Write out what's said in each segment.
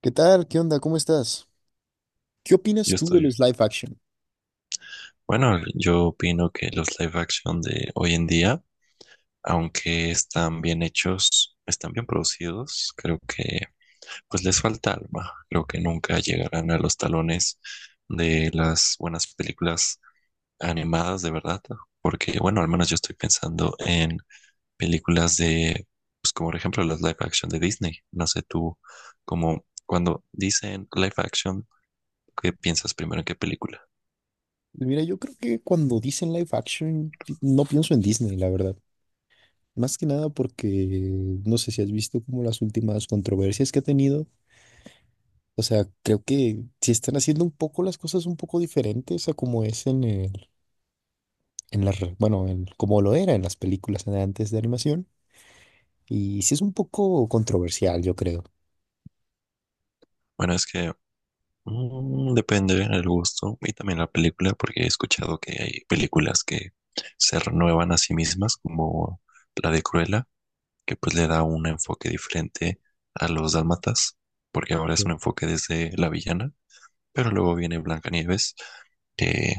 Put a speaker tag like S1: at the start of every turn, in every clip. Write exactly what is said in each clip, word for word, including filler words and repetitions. S1: ¿Qué tal? ¿Qué onda? ¿Cómo estás? ¿Qué opinas
S2: Yo
S1: tú de
S2: estoy,
S1: los live action?
S2: bueno, yo opino que los live action de hoy en día, aunque están bien hechos, están bien producidos, creo que pues les falta alma. Creo que nunca llegarán a los talones de las buenas películas animadas de verdad, porque bueno, al menos yo estoy pensando en películas de, pues como por ejemplo las live action de Disney. No sé tú, como cuando dicen live action, ¿qué piensas primero en qué película?
S1: Mira, yo creo que cuando dicen live action, pi- no pienso en Disney, la verdad. Más que nada porque no sé si has visto como las últimas controversias que ha tenido. O sea, creo que si están haciendo un poco las cosas un poco diferentes a como es en el, en las, re- bueno, en, como lo era en las películas de antes de animación. Y sí es un poco controversial, yo creo.
S2: Bueno, es que mm, depende del gusto y también la película, porque he escuchado que hay películas que se renuevan a sí mismas, como la de Cruella, que pues le da un enfoque diferente a los dálmatas, porque ahora es un
S1: Sí.
S2: enfoque desde la villana, pero luego viene Blancanieves, que,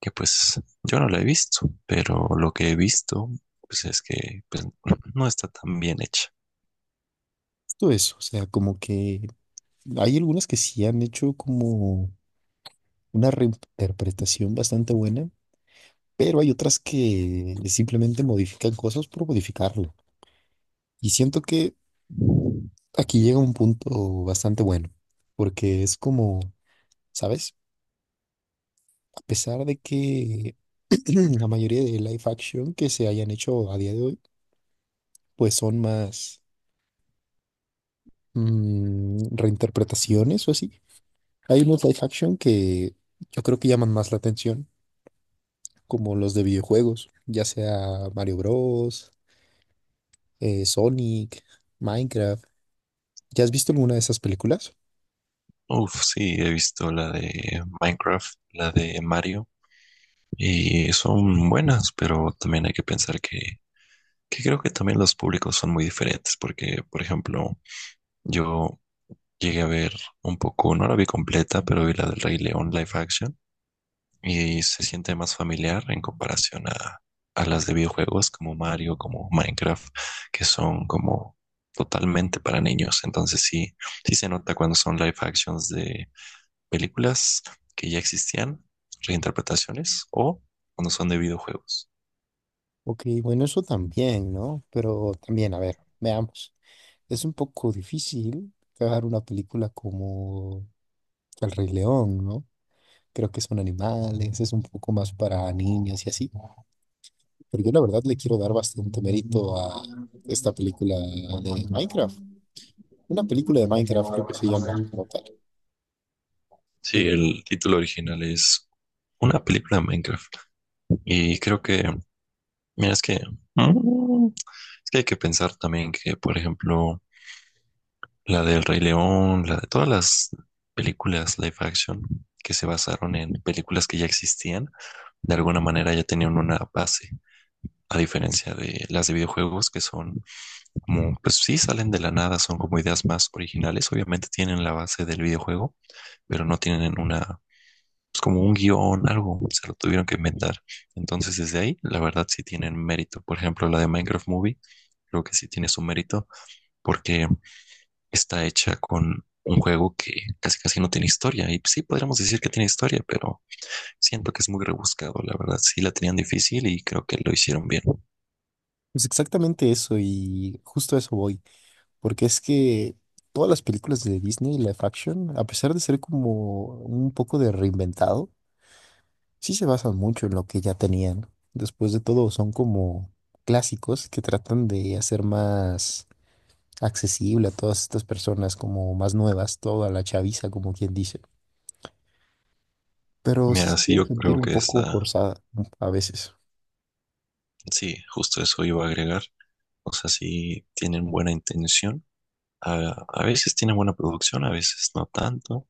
S2: que pues yo no la he visto, pero lo que he visto pues es que pues, no está tan bien hecha.
S1: Todo eso, o sea, como que hay algunas que sí han hecho como una reinterpretación bastante buena, pero hay otras que simplemente modifican cosas por modificarlo. Y siento que aquí llega un punto bastante bueno, porque es como, ¿sabes? A pesar de que la mayoría de live action que se hayan hecho a día de hoy, pues son más mm, reinterpretaciones o así. Hay unos live action que yo creo que llaman más la atención, como los de videojuegos, ya sea Mario Bros eh, Sonic, Minecraft. ¿Ya has visto alguna de esas películas?
S2: Uf, sí, he visto la de Minecraft, la de Mario, y son buenas, pero también hay que pensar que, que creo que también los públicos son muy diferentes, porque, por ejemplo, yo llegué a ver un poco, no la vi completa, pero vi la del Rey León live action, y se siente más familiar en comparación a, a las de videojuegos como Mario, como Minecraft, que son como totalmente para niños, entonces sí, sí se nota cuando son live actions de películas que ya existían, reinterpretaciones o cuando son de videojuegos.
S1: Ok, bueno, eso también, ¿no? Pero también, a ver, veamos. Es un poco difícil crear una película como El Rey León, ¿no? Creo que son animales, es un poco más para niños y así. Pero yo la verdad le quiero dar bastante mérito a esta película de Minecraft. Una película de Minecraft creo que se llama como tal.
S2: Sí,
S1: Sí.
S2: el título original es una película de Minecraft y creo que, mira, es que, mm, es que hay que pensar también que, por ejemplo, la del Rey León, la de todas las películas live action que se basaron en películas que ya existían, de alguna manera ya tenían una base, a diferencia de las de videojuegos que son como, pues sí, salen de la nada, son como ideas más originales. Obviamente tienen la base del videojuego, pero no tienen una, pues como un guión, algo, se lo tuvieron que inventar. Entonces, desde ahí, la verdad sí tienen mérito. Por ejemplo, la de Minecraft Movie, creo que sí tiene su mérito porque está hecha con un juego que casi casi no tiene historia. Y pues, sí, podríamos decir que tiene historia, pero siento que es muy rebuscado, la verdad. Sí la tenían difícil y creo que lo hicieron bien.
S1: Pues exactamente eso y justo a eso voy. Porque es que todas las películas de Disney, live action, a pesar de ser como un poco de reinventado, sí se basan mucho en lo que ya tenían. Después de todo, son como clásicos que tratan de hacer más accesible a todas estas personas, como más nuevas, toda la chaviza, como quien dice. Pero sí
S2: Mira,
S1: se
S2: sí,
S1: llega
S2: yo
S1: sentir
S2: creo
S1: un
S2: que
S1: poco
S2: está...
S1: forzada mm, a veces.
S2: Sí, justo eso iba a agregar. O sea, si tienen buena intención. A, a veces tienen buena producción, a veces no tanto,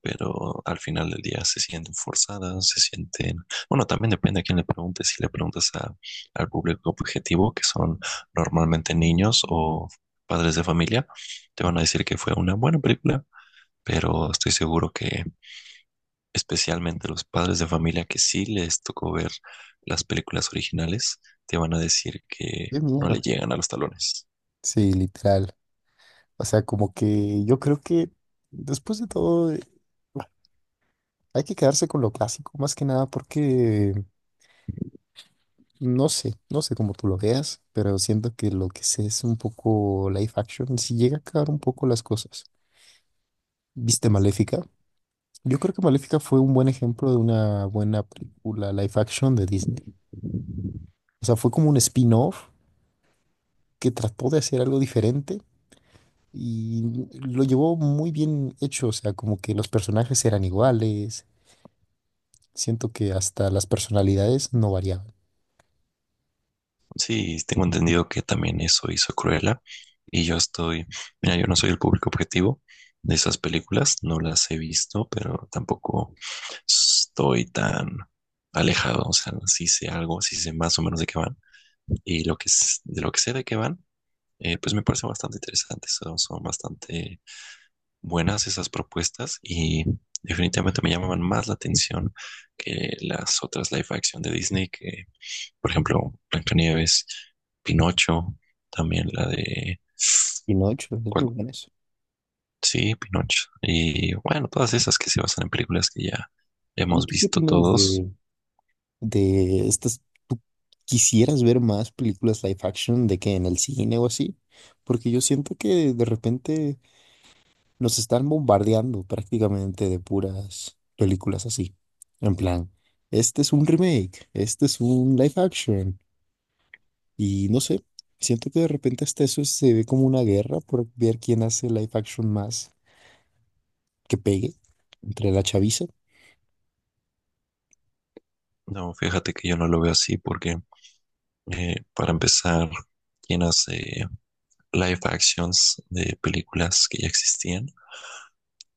S2: pero al final del día se sienten forzadas, se sienten... Bueno, también depende a quién le preguntes. Si le preguntas a- al público objetivo, que son normalmente niños o padres de familia, te van a decir que fue una buena película, pero estoy seguro que especialmente los padres de familia que sí les tocó ver las películas originales, te van a decir que
S1: ¡Qué
S2: no le
S1: mierda!
S2: llegan a los talones.
S1: Sí, literal. O sea, como que yo creo que después de todo. Hay que quedarse con lo clásico, más que nada porque no sé, no sé cómo tú lo veas, pero siento que lo que sé es un poco live action, si llega a cagar un poco las cosas. ¿Viste Maléfica? Yo creo que Maléfica fue un buen ejemplo de una buena película live action de Disney. O sea, fue como un spin-off que trató de hacer algo diferente y lo llevó muy bien hecho, o sea, como que los personajes eran iguales, siento que hasta las personalidades no variaban.
S2: Sí, tengo entendido que también eso hizo Cruella. Y yo estoy, mira, yo no soy el público objetivo de esas películas, no las he visto, pero tampoco estoy tan alejado. O sea, sí sé algo, sí sé más o menos de qué van. Y lo que, s- de lo que sé de qué van, eh, pues me parece bastante interesante. Son, son bastante buenas esas propuestas y definitivamente me llamaban más la atención que las otras live action de Disney que por ejemplo, Blancanieves, Pinocho, también la de...
S1: Y no, de hecho, es muy
S2: ¿Cuál?
S1: bueno eso.
S2: Sí, Pinocho. Y bueno, todas esas que se basan en películas que ya
S1: ¿Y
S2: hemos
S1: tú qué
S2: visto
S1: opinas
S2: todos.
S1: de, de estas? ¿Tú quisieras ver más películas live action de que en el cine o así? Porque yo siento que de repente nos están bombardeando prácticamente de puras películas así. En plan, este es un remake, este es un live action. Y no sé, siento que de repente hasta eso se ve como una guerra por ver quién hace live action más que pegue entre la chaviza.
S2: No, fíjate que yo no lo veo así porque, eh, para empezar, quien hace live actions de películas que ya existían,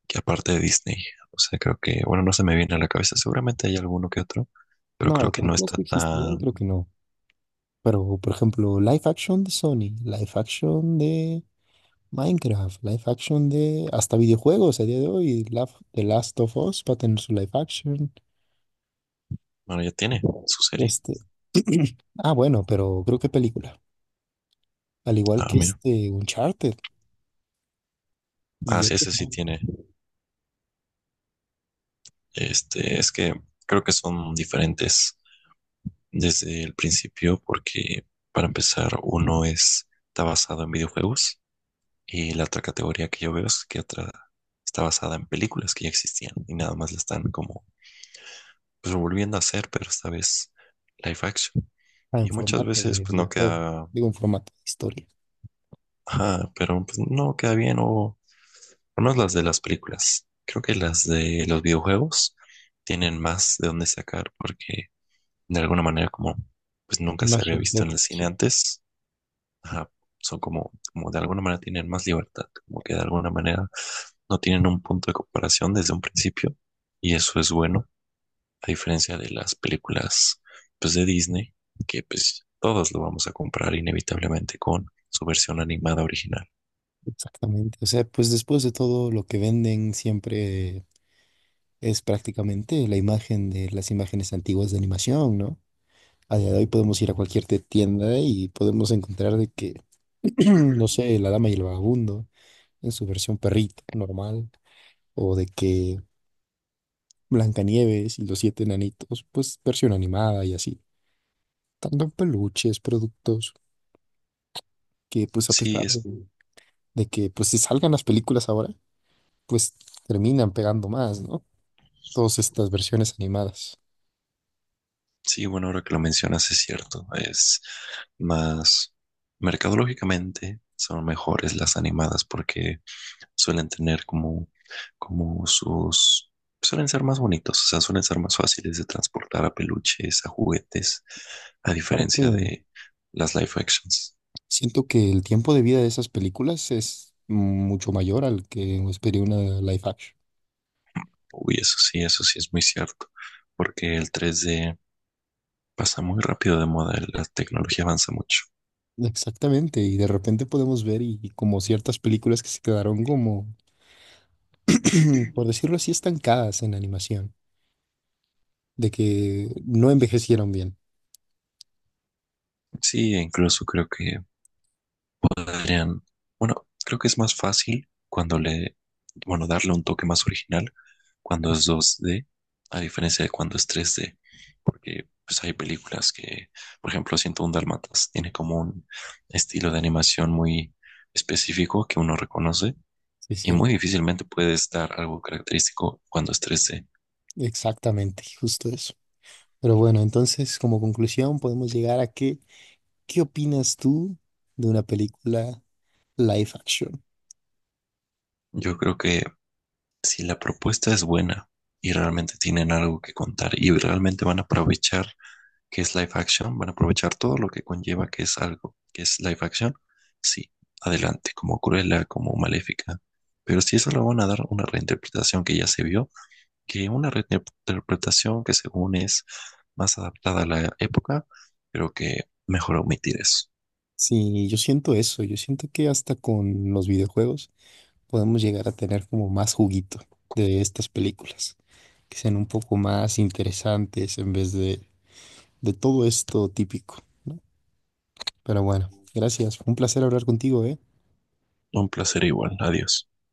S2: que aparte de Disney. O sea, creo que, bueno, no se me viene a la cabeza. Seguramente hay alguno que otro, pero
S1: No,
S2: creo que no
S1: películas
S2: está
S1: que existían,
S2: tan...
S1: creo que no. Pero, por ejemplo, live action de Sony, live action de Minecraft, live action de hasta videojuegos a día de hoy, la- The Last of Us va a tener su live action.
S2: Bueno, ya tiene su serie.
S1: Este, ah, bueno, pero creo que película. Al igual
S2: Ah,
S1: que
S2: mira.
S1: este Uncharted y
S2: Ah,
S1: yo
S2: sí, ese sí tiene. Este, es que creo que son diferentes desde el principio porque para empezar uno es, está basado en videojuegos y la otra categoría que yo veo es que otra está basada en películas que ya existían y nada más la están como pues, volviendo a hacer, pero esta vez live action.
S1: en
S2: Y muchas
S1: formato
S2: veces
S1: de
S2: pues no
S1: videojuego,
S2: queda,
S1: digo en formato de historia,
S2: ajá, pero pues, no queda bien o, o no es las de las películas. Creo que las de los videojuegos tienen más de dónde sacar porque de alguna manera como pues nunca
S1: es
S2: se
S1: más
S2: había visto en el cine
S1: reinterpretación.
S2: antes. Ajá, son como, como de alguna manera tienen más libertad, como que de alguna manera no tienen un punto de comparación desde un principio y eso es bueno, a diferencia de las películas pues de Disney, que pues todos lo vamos a comprar inevitablemente con su versión animada original.
S1: Exactamente. O sea, pues después de todo lo que venden siempre es prácticamente la imagen de las imágenes antiguas de animación, ¿no? A día de hoy podemos ir a cualquier te- tienda y podemos encontrar de que, no sé, La Dama y el Vagabundo en su versión perrito normal, o de que Blancanieves y los siete enanitos, pues versión animada y así. Tanto en peluches, productos que pues a
S2: Sí,
S1: pesar
S2: es,
S1: de, de que pues se salgan las películas ahora, pues terminan pegando más, ¿no? Todas estas versiones animadas.
S2: sí, bueno, ahora que lo mencionas es cierto, es más mercadológicamente son mejores las animadas porque suelen tener como, como sus, suelen ser más bonitos, o sea, suelen ser más fáciles de transportar a peluches, a juguetes, a
S1: Aparte,
S2: diferencia de las live actions.
S1: siento que el tiempo de vida de esas películas es mucho mayor al que sería una live action.
S2: Uy, eso sí, eso sí es muy cierto, porque el tres D pasa muy rápido de moda, la tecnología avanza mucho.
S1: Exactamente, y de repente podemos ver y, y como ciertas películas que se quedaron como, por decirlo así, estancadas en animación, de que no envejecieron bien.
S2: Sí, e incluso creo que podrían, bueno, creo que es más fácil cuando le, bueno, darle un toque más original cuando es dos d a diferencia de cuando es tres d porque pues hay películas que, por ejemplo, ciento uno Dálmatas tiene como un estilo de animación muy específico que uno reconoce
S1: Sí, es
S2: y
S1: cierto.
S2: muy difícilmente puedes dar algo característico cuando es tres d.
S1: Exactamente, justo eso. Pero bueno, entonces como conclusión podemos llegar a que, ¿qué opinas tú de una película live action?
S2: Yo creo que si la propuesta es buena y realmente tienen algo que contar y realmente van a aprovechar que es live action, van a aprovechar todo lo que conlleva que es algo que es live action. Sí, adelante, como Cruella, como Maléfica. Pero si eso lo van a dar una reinterpretación que ya se vio, que una reinterpretación que según es más adaptada a la época, pero que mejor omitir eso.
S1: Sí, yo siento eso, yo siento que hasta con los videojuegos podemos llegar a tener como más juguito de estas películas. Que sean un poco más interesantes en vez de, de todo esto típico. Pero bueno, gracias. Fue un placer hablar contigo, ¿eh?
S2: Un placer igual, adiós.